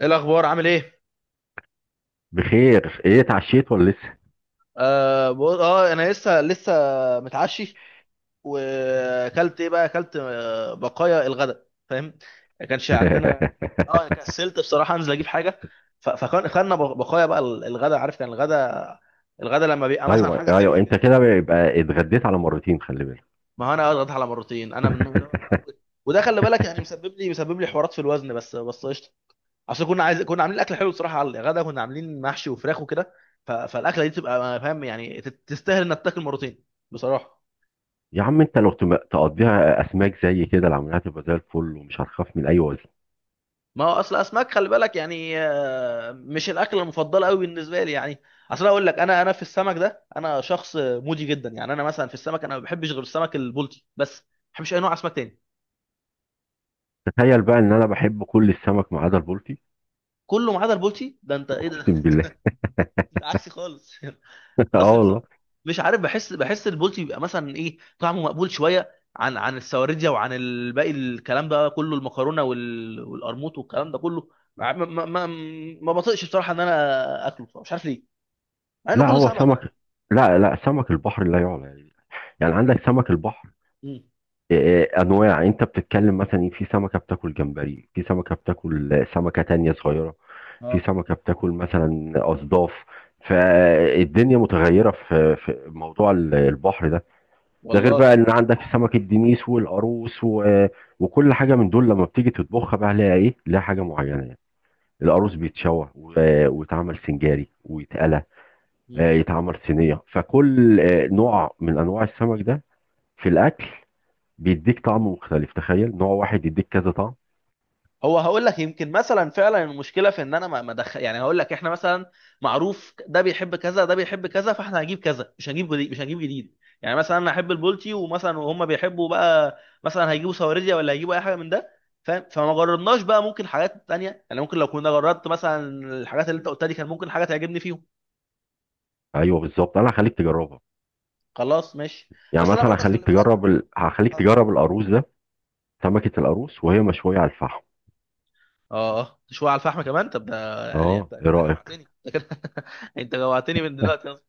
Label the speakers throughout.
Speaker 1: ايه الاخبار؟ عامل ايه؟
Speaker 2: بخير، ايه اتعشيت ولا لسه؟
Speaker 1: اه, انا لسه متعشي. واكلت ايه بقى؟ اكلت بقايا الغداء، فاهم؟ ما كانش عندنا. اه كسلت بصراحه انزل اجيب حاجه. فكان خدنا بقايا بقى الغداء، عارف، كان الغداء. الغداء لما بيبقى مثلا
Speaker 2: ايوه،
Speaker 1: حاجه
Speaker 2: ايوه،
Speaker 1: حلوه
Speaker 2: انت
Speaker 1: كده.
Speaker 2: كده يبقى اتغديت على مرتين، خلي بالك.
Speaker 1: ما هو انا اضغط على مرتين، انا من النوع ده بقى. وده خلي بالك يعني مسبب لي حوارات في الوزن، بس قشطه. اصل كنا عاملين اكل حلو بصراحه على الغدا، كنا عاملين محشي وفراخ وكده. فالاكله دي تبقى، فاهم يعني، تستاهل انك تاكل مرتين بصراحه.
Speaker 2: يا عم انت لو تقضيها اسماك زي كده العمليات تبقى زي الفل ومش هتخاف من اي وزن.
Speaker 1: ما هو اصل اسماك، خلي بالك يعني، مش الاكله المفضله قوي بالنسبه لي يعني. اصل اقول لك، انا في السمك ده انا شخص مودي جدا يعني. انا مثلا في السمك انا ما بحبش غير السمك البلطي، بس ما بحبش اي نوع اسماك تاني.
Speaker 2: تخيل بقى ان انا بحب كل السمك ما عدا البلطي.
Speaker 1: كله ما عدا البلطي، ده انت ايه ده؟
Speaker 2: اقسم بالله.
Speaker 1: انت عكسي خالص.
Speaker 2: اه
Speaker 1: اصل
Speaker 2: والله.
Speaker 1: بصراحه مش عارف، بحس البولتي بيبقى مثلا ايه، طعمه مقبول شويه عن السواردية وعن الباقي، الكلام ده كله، المكرونه والقرموط والكلام ده كله. ما ما ما, ما بطيقش بصراحه ان انا اكله بصراحة. مش عارف ليه، مع انه
Speaker 2: لا،
Speaker 1: كله
Speaker 2: هو
Speaker 1: سمك
Speaker 2: سمك.
Speaker 1: يعني.
Speaker 2: لا لا، سمك البحر لا يعلى يعني. يعني عندك سمك البحر.
Speaker 1: مم.
Speaker 2: انواع، انت بتتكلم مثلا إيه، في سمكه بتاكل جمبري، في سمكه بتاكل سمكه تانية صغيره. في
Speaker 1: اه
Speaker 2: سمكة بتاكل مثلا أصداف. فالدنيا متغيرة في موضوع البحر ده. ده غير بقى
Speaker 1: والله.
Speaker 2: ان عندك سمكة دينيس والقاروص وكل حاجة من دول لما بتيجي تطبخها بقى ليها ايه، ليها حاجة معينة يعني. القاروص بيتشوى ويتعمل سنجاري ويتقلى.
Speaker 1: مم.
Speaker 2: يتعمل صينية، فكل نوع من انواع السمك ده في الاكل بيديك طعم مختلف. تخيل نوع واحد يديك كذا طعم.
Speaker 1: هو هقول لك، يمكن مثلا فعلا المشكله في ان انا ما دخل. يعني هقول لك احنا مثلا معروف ده بيحب كذا، ده بيحب كذا، فاحنا هنجيب كذا، مش هنجيب جديد يعني. مثلا انا احب البولتي، ومثلا وهم بيحبوا بقى مثلا هيجيبوا سواردية ولا هيجيبوا اي حاجه من ده، فاهم؟ فما جربناش بقى، ممكن حاجات تانية يعني، ممكن لو كنا جربت مثلا الحاجات اللي انت قلتها دي كان ممكن حاجه تعجبني فيهم.
Speaker 2: ايوه بالظبط، انا هخليك تجربها.
Speaker 1: خلاص ماشي.
Speaker 2: يعني
Speaker 1: بس انا
Speaker 2: مثلا
Speaker 1: برضه خلي بالك.
Speaker 2: هخليك
Speaker 1: اه.
Speaker 2: تجرب القاروص ده. سمكة القاروص وهي مشوية على الفحم.
Speaker 1: اه. شويه على الفحم كمان؟ طب ده يعني
Speaker 2: اه،
Speaker 1: انت
Speaker 2: ايه
Speaker 1: انت
Speaker 2: رأيك؟
Speaker 1: جوعتني. انت جوعتني من دلوقتي أصلاً.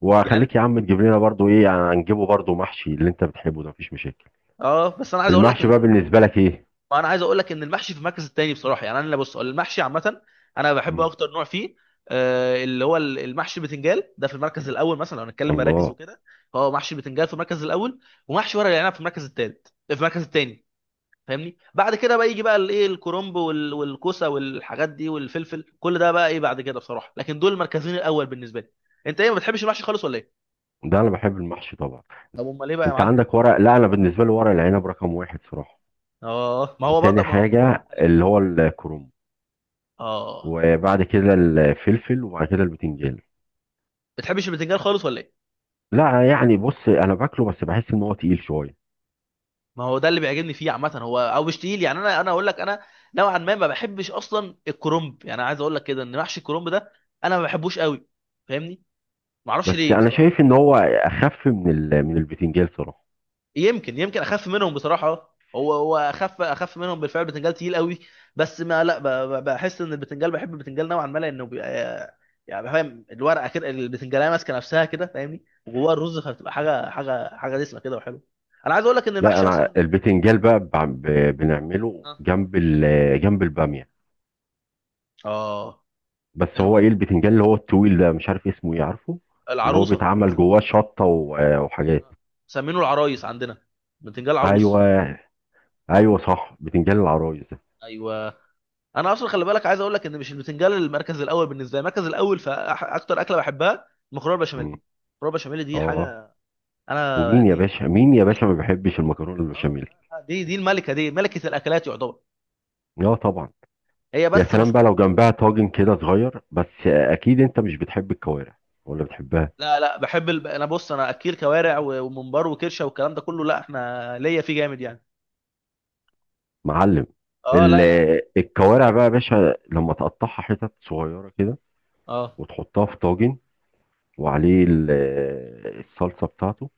Speaker 2: وخليك
Speaker 1: يعني
Speaker 2: يا عم تجيب لنا برضو ايه، يعني هنجيبه برضو محشي اللي انت بتحبه ده، مفيش مشاكل.
Speaker 1: اه بس انا عايز اقول لك
Speaker 2: المحشي بقى
Speaker 1: ان
Speaker 2: بالنسبة لك ايه؟
Speaker 1: انا عايز اقول لك ان المحشي في المركز التاني بصراحه يعني. انا بص، المحشي عامه انا بحبه،
Speaker 2: مم.
Speaker 1: اكتر نوع فيه اللي هو المحشي بتنجال ده في المركز الاول، مثلا لو هنتكلم مراكز
Speaker 2: الله.
Speaker 1: وكده. فهو محشي بتنجال في المركز الاول، ومحشي ورق العنب في المركز الثاني، فاهمني؟ بعد كده بقى يجي بقى الايه، الكرنب والكوسه والحاجات دي والفلفل، كل ده بقى ايه بعد كده بصراحه، لكن دول المركزين الاول بالنسبه لي. انت ايه، ما بتحبش المحشي خالص ولا ايه؟
Speaker 2: ده انا بحب المحشي طبعا.
Speaker 1: طب امال ايه بقى يا
Speaker 2: انت
Speaker 1: معلم؟
Speaker 2: عندك ورق لا، انا بالنسبة لي ورق العنب رقم واحد صراحة.
Speaker 1: اه، ما هو
Speaker 2: وتاني
Speaker 1: برضك، ما هو.
Speaker 2: حاجة اللي هو الكروم.
Speaker 1: اه
Speaker 2: وبعد كده الفلفل وبعد كده البتنجان.
Speaker 1: بتحبش البتنجان خالص ولا ايه؟
Speaker 2: لا يعني، بص، انا باكله بس بحس ان هو تقيل شوية.
Speaker 1: ما هو ده اللي بيعجبني فيه عامه، هو او مش تقيل يعني. انا اقول لك، انا نوعا ما، ما بحبش اصلا الكرنب يعني، عايز اقول لك كده ان محشي الكرنب ده انا ما بحبوش قوي، فاهمني؟ ما اعرفش
Speaker 2: بس
Speaker 1: ليه
Speaker 2: انا
Speaker 1: بصراحه.
Speaker 2: شايف ان هو اخف من البتنجان صراحة.
Speaker 1: يمكن اخف منهم بصراحه، هو اخف منهم بالفعل، البتنجال تقيل قوي. بس ما لا، بحس ان البتنجال، بحب البتنجال نوعا ما لانه بيبقى يعني فاهم، الورقه كده البتنجاليه ماسكه نفسها كده، فاهمني؟ وجواها الرز، فبتبقى حاجه دسمه كده وحلوه. انا عايز اقول لك ان
Speaker 2: لا،
Speaker 1: المحشي
Speaker 2: انا
Speaker 1: اصلا.
Speaker 2: البتنجان بقى بنعمله
Speaker 1: اه.
Speaker 2: جنب الباميه.
Speaker 1: آه،
Speaker 2: بس
Speaker 1: حلو
Speaker 2: هو
Speaker 1: ده.
Speaker 2: ايه البتنجان اللي هو الطويل ده، مش عارف اسمه ايه، عارفه؟ اللي هو
Speaker 1: العروسه.
Speaker 2: بيتعمل جواه شطه وحاجات.
Speaker 1: مسمينه العرايس عندنا، بتنجال
Speaker 2: ايوه،
Speaker 1: عروس.
Speaker 2: ايوه صح، بتنجان العرايس ده.
Speaker 1: ايوه. انا اصلا خلي بالك، عايز اقول لك ان مش البتنجال المركز الاول بالنسبه لي. المركز الاول في اكتر اكله بحبها، المكرونه البشاميل.
Speaker 2: مم.
Speaker 1: المكرونه البشاميل دي
Speaker 2: اه.
Speaker 1: حاجه، انا
Speaker 2: ومين يا
Speaker 1: دي
Speaker 2: باشا، مين يا باشا،
Speaker 1: الملكه.
Speaker 2: ما بيحبش المكرونه
Speaker 1: اه
Speaker 2: البشاميل؟
Speaker 1: لا لا، دي الملكه، دي ملكه الاكلات يعتبر.
Speaker 2: اه طبعا.
Speaker 1: هي
Speaker 2: يا
Speaker 1: بس
Speaker 2: سلام بقى
Speaker 1: مشكلة.
Speaker 2: لو جنبها طاجن كده صغير بس، اكيد انت مش بتحب الكوارع ولا بتحبها؟
Speaker 1: لا لا، بحب انا بص، انا اكيل كوارع وممبار وكرشه والكلام ده كله، لا احنا ليا فيه جامد يعني.
Speaker 2: معلم.
Speaker 1: اه لا لا لا.
Speaker 2: الكوارع بقى يا باشا لما تقطعها حتت صغيره كده
Speaker 1: اه.
Speaker 2: وتحطها في طاجن وعليه الصلصه بتاعته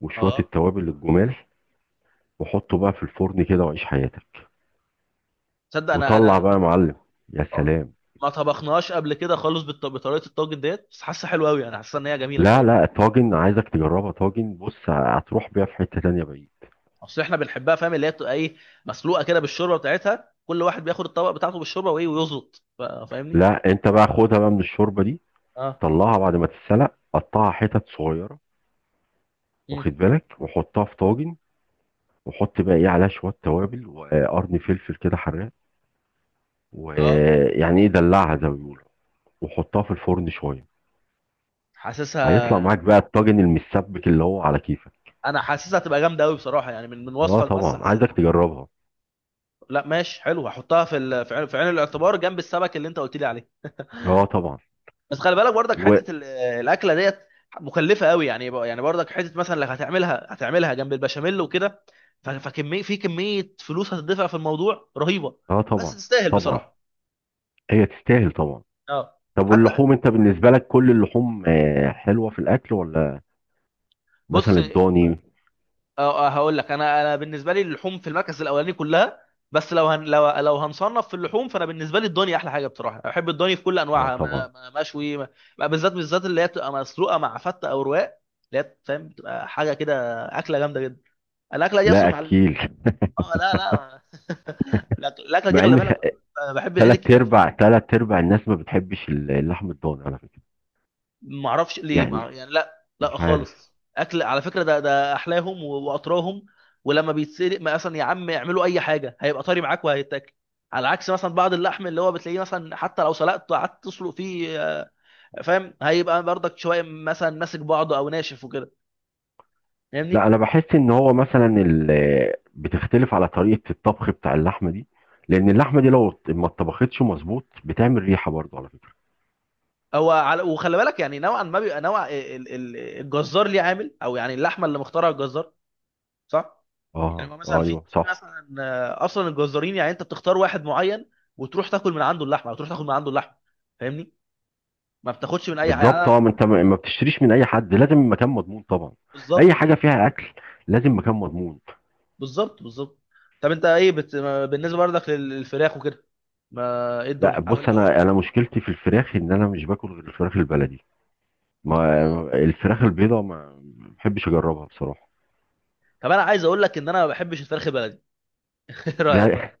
Speaker 2: وشويه
Speaker 1: اه.
Speaker 2: التوابل الجمال، وحطه بقى في الفرن كده وعيش حياتك،
Speaker 1: تصدق، انا
Speaker 2: وطلع بقى
Speaker 1: انا
Speaker 2: يا معلم. يا
Speaker 1: اه،
Speaker 2: سلام.
Speaker 1: ما طبخناهاش قبل كده خالص بطريقه الطاجن ديت، بس حاسه حلوه قوي، انا حاسه ان هي جميله
Speaker 2: لا
Speaker 1: بصراحه.
Speaker 2: لا، طاجن، عايزك تجربها طاجن، بص هتروح بيها في حته تانيه بعيد.
Speaker 1: اصل احنا بنحبها، فاهم، اللي هي بتبقى ايه، مسلوقه كده بالشوربه بتاعتها، كل واحد بياخد الطبق بتاعته بالشوربه وايه ويظبط، فاهمني؟
Speaker 2: لا، انت بقى خدها بقى من الشوربه دي،
Speaker 1: اه.
Speaker 2: طلعها بعد ما تتسلق، قطعها حتت صغيره،
Speaker 1: مم.
Speaker 2: واخد بالك، وحطها في طاجن، وحط بقى ايه عليها شويه توابل وقرن فلفل كده حراق،
Speaker 1: اه.
Speaker 2: ويعني ايه، دلعها زي ما بيقولوا، وحطها في الفرن شويه.
Speaker 1: حاسسها.
Speaker 2: هيطلع معاك بقى الطاجن المسبك اللي هو على كيفك.
Speaker 1: انا حاسسها تبقى جامده قوي بصراحه يعني، من
Speaker 2: اه
Speaker 1: وصفك، بس
Speaker 2: طبعا،
Speaker 1: حاسسها
Speaker 2: عايزك
Speaker 1: تبقى.
Speaker 2: تجربها.
Speaker 1: لا ماشي حلو، هحطها في في عين الاعتبار جنب السمك اللي انت قلت لي عليه.
Speaker 2: اه طبعا.
Speaker 1: بس خلي بالك برضك،
Speaker 2: و
Speaker 1: حته الاكله ديت مكلفه قوي يعني. يعني برضك حته مثلا اللي هتعملها، هتعملها جنب البشاميل وكده، في كميه فلوس هتدفع في الموضوع رهيبه.
Speaker 2: اه
Speaker 1: بس
Speaker 2: طبعا،
Speaker 1: تستاهل
Speaker 2: طبعا
Speaker 1: بصراحه.
Speaker 2: هي تستاهل طبعا.
Speaker 1: اه.
Speaker 2: طب
Speaker 1: حتى
Speaker 2: واللحوم، انت بالنسبه لك كل اللحوم حلوه في الاكل ولا؟
Speaker 1: بص،
Speaker 2: مثلا الضاني؟
Speaker 1: هقول لك انا بالنسبه لي اللحوم في المركز الاولاني كلها، بس لو هن لو لو هنصنف في اللحوم، فانا بالنسبه لي الضاني احلى حاجه بصراحه. بحب الضاني في كل
Speaker 2: اه
Speaker 1: انواعها،
Speaker 2: طبعا.
Speaker 1: مشوي، بالذات بالذات اللي هي بتبقى مسلوقه مع فته او رواق، اللي هي فاهم بتبقى حاجه كده، اكله جامده جدا. الاكله دي
Speaker 2: لا
Speaker 1: اصلا مع.
Speaker 2: اكيل.
Speaker 1: اه لا لا. الاكله دي
Speaker 2: مع
Speaker 1: خلي
Speaker 2: ان
Speaker 1: بالك، انا بحب العيد
Speaker 2: ثلاث
Speaker 1: الكبير عشان.
Speaker 2: ارباع ثلاث ارباع الناس ما بتحبش اللحم الضاني على فكره.
Speaker 1: ما اعرفش ليه
Speaker 2: يعني
Speaker 1: يعني لا لا
Speaker 2: مش عارف.
Speaker 1: خالص، اكل على فكره، ده احلاهم واطراهم. ولما بيتسلق ما اصلا، يا عم اعملوا اي حاجه، هيبقى طري معاك وهيتاكل، على عكس مثلا بعض اللحم اللي هو بتلاقيه مثلا، حتى لو سلقته قعدت تسلق فيه فاهم، هيبقى برضك شويه مثلا ماسك بعضه او ناشف وكده،
Speaker 2: لا،
Speaker 1: فاهمني؟
Speaker 2: انا بحس ان هو مثلا بتختلف على طريقه الطبخ بتاع اللحمه دي، لان اللحمه دي لو ما اتطبختش مظبوط بتعمل ريحه برضه على فكره.
Speaker 1: هو على. وخلي بالك يعني، نوعا ما بيبقى نوع الجزار ليه عامل، او يعني اللحمه اللي مختارها الجزار، صح؟ يعني
Speaker 2: اه،
Speaker 1: هو
Speaker 2: آه،
Speaker 1: مثلا في
Speaker 2: ايوه
Speaker 1: في
Speaker 2: صح.
Speaker 1: مثلا اصلا الجزارين، يعني انت بتختار واحد معين، وتروح تاكل من عنده اللحمه، او تروح تاخد من عنده اللحمه، فاهمني؟ ما بتاخدش من اي حاجه
Speaker 2: بالظبط،
Speaker 1: يعني.
Speaker 2: اه، ما انت ما بتشتريش من اي حد، لازم مكان مضمون طبعا.
Speaker 1: بالظبط
Speaker 2: اي حاجه فيها اكل لازم مكان مضمون.
Speaker 1: بالظبط بالظبط. طب انت ايه بالنسبه برضك للفراخ وكده؟ ما ايه
Speaker 2: لا
Speaker 1: الدنيا او
Speaker 2: بص،
Speaker 1: او
Speaker 2: انا
Speaker 1: الطيور؟
Speaker 2: مشكلتي في الفراخ ان انا مش باكل غير الفراخ البلدي. ما
Speaker 1: اه.
Speaker 2: الفراخ البيضاء ما بحبش اجربها بصراحه.
Speaker 1: طب انا عايز اقول لك ان انا ما بحبش الفراخ البلدي. ايه رايك
Speaker 2: لا
Speaker 1: بقى؟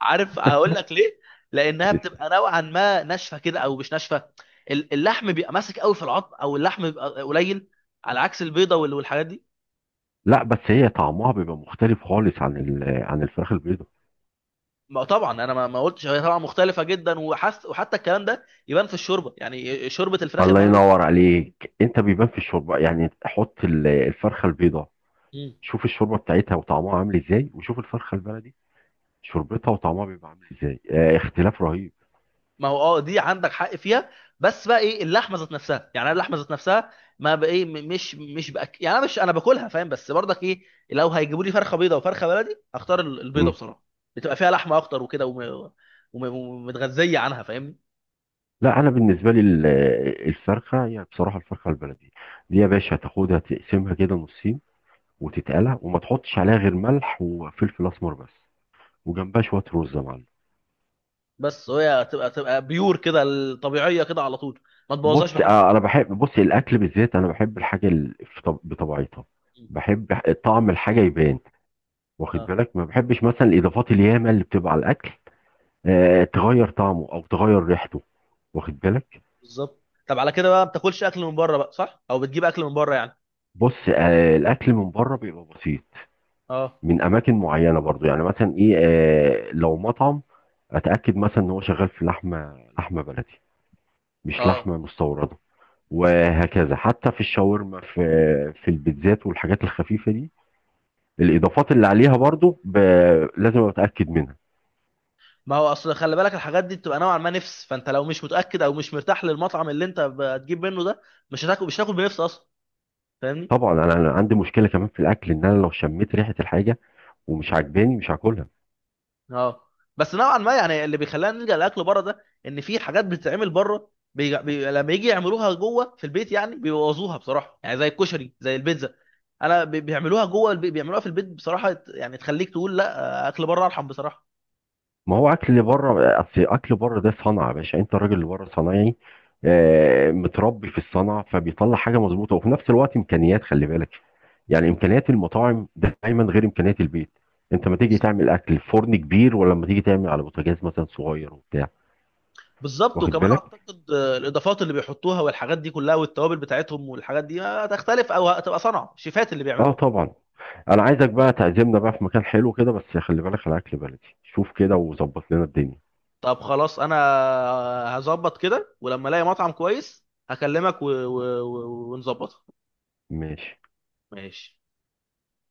Speaker 1: عارف هقول لك ليه؟ لانها بتبقى نوعا ما ناشفه كده او مش ناشفه، اللحم بيبقى ماسك قوي في العظم، او اللحم بيبقى قليل، على عكس البيضه والحاجات دي.
Speaker 2: لا، بس هي طعمها بيبقى مختلف خالص عن الفراخ البيضاء.
Speaker 1: ما طبعا انا ما قلتش، هي طبعا مختلفه جدا وحس، وحتى الكلام ده يبان في الشوربه يعني، شوربه الفراخ
Speaker 2: الله
Speaker 1: البلدي
Speaker 2: ينور
Speaker 1: بتبقى.
Speaker 2: عليك، انت بيبان في الشوربه يعني، حط الفرخه البيضاء،
Speaker 1: مم.
Speaker 2: شوف الشوربه بتاعتها وطعمها عامل ازاي، وشوف الفرخه البلدي شوربتها وطعمها بيبقى عامل ازاي. اه، اختلاف رهيب.
Speaker 1: ما هو اه، دي عندك حق فيها. بس بقى ايه اللحمه ذات نفسها يعني، انا اللحمه ذات نفسها، ما بقى ايه، مش يعني انا مش، انا باكلها فاهم، بس برضك ايه، لو هيجيبوا لي فرخه بيضه وفرخه بلدي، هختار البيضه
Speaker 2: مم.
Speaker 1: بصراحه، بتبقى فيها لحمه اكتر وكده، ومتغذيه عنها، فاهمني؟
Speaker 2: لا، انا بالنسبه لي الفرخه هي بصراحه الفرخه البلدي دي يا باشا، تاخدها تقسمها كده نصين وتتقلى وما تحطش عليها غير ملح وفلفل اسمر بس، وجنبها شويه رز يا معلم.
Speaker 1: بس هي تبقى بيور كده الطبيعيه كده على طول، ما
Speaker 2: بص
Speaker 1: تبوظهاش بحاجه
Speaker 2: اه، انا
Speaker 1: تانيه.
Speaker 2: بحب، بص الاكل بالذات انا بحب الحاجه بطبيعتها،
Speaker 1: م.
Speaker 2: بحب طعم الحاجه يبان، واخد
Speaker 1: اه.
Speaker 2: بالك؟ ما بحبش مثلا الاضافات الياما اللي بتبقى على الاكل، تغير طعمه او تغير ريحته، واخد بالك.
Speaker 1: بالظبط. طب على كده بقى ما بتاكلش اكل من بره بقى صح؟ او بتجيب اكل من بره يعني؟
Speaker 2: بص الاكل من بره بيبقى بسيط
Speaker 1: اه.
Speaker 2: من اماكن معينه برضو، يعني مثلا ايه لو مطعم، اتاكد مثلا ان هو شغال في لحمه، لحمه بلدي مش
Speaker 1: اه.
Speaker 2: لحمه مستورده، وهكذا حتى في الشاورما، في البيتزات والحاجات الخفيفه دي، الاضافات اللي عليها برضو لازم اتاكد منها.
Speaker 1: ما هو اصل خلي بالك، الحاجات دي بتبقى نوعا ما نفس، فانت لو مش متاكد او مش مرتاح للمطعم اللي انت هتجيب منه ده، مش هتاكل بنفس اصلا، فاهمني؟
Speaker 2: طبعا أنا عندي مشكله كمان في الاكل ان انا لو شميت ريحه الحاجه ومش عاجباني مش هاكلها.
Speaker 1: اه. بس نوعا ما يعني اللي بيخلينا نلجا لاكل بره ده ان في حاجات بتتعمل بره، لما يجي يعملوها جوه في البيت يعني بيبوظوها بصراحه، يعني زي الكشري زي البيتزا. انا بيعملوها جوه البيت، بيعملوها في البيت بصراحه، يعني تخليك تقول لا، اكل بره ارحم بصراحه.
Speaker 2: ما هو اكل اللي بره اصل، اكل بره ده صنعه يا باشا، انت الراجل اللي بره صنايعي متربي في الصنعه فبيطلع حاجه مظبوطه، وفي نفس الوقت امكانيات، خلي بالك يعني، امكانيات المطاعم دايما غير امكانيات البيت. انت ما تيجي تعمل اكل في فرن كبير ولا لما تيجي تعمل على بوتاجاز مثلا صغير وبتاع،
Speaker 1: بالظبط،
Speaker 2: واخد
Speaker 1: وكمان
Speaker 2: بالك؟
Speaker 1: اعتقد الاضافات اللي بيحطوها والحاجات دي كلها، والتوابل بتاعتهم والحاجات دي هتختلف، او هتبقى صنعه شيفات اللي
Speaker 2: اه
Speaker 1: بيعملوها.
Speaker 2: طبعا. انا عايزك بقى تعزمنا بقى في مكان حلو كده، بس خلي بالك على اكل بلدي، شوف كده وظبط لنا الدنيا.
Speaker 1: طب خلاص انا هظبط كده، ولما الاقي مطعم كويس هكلمك ونظبطها.
Speaker 2: ماشي.
Speaker 1: ماشي.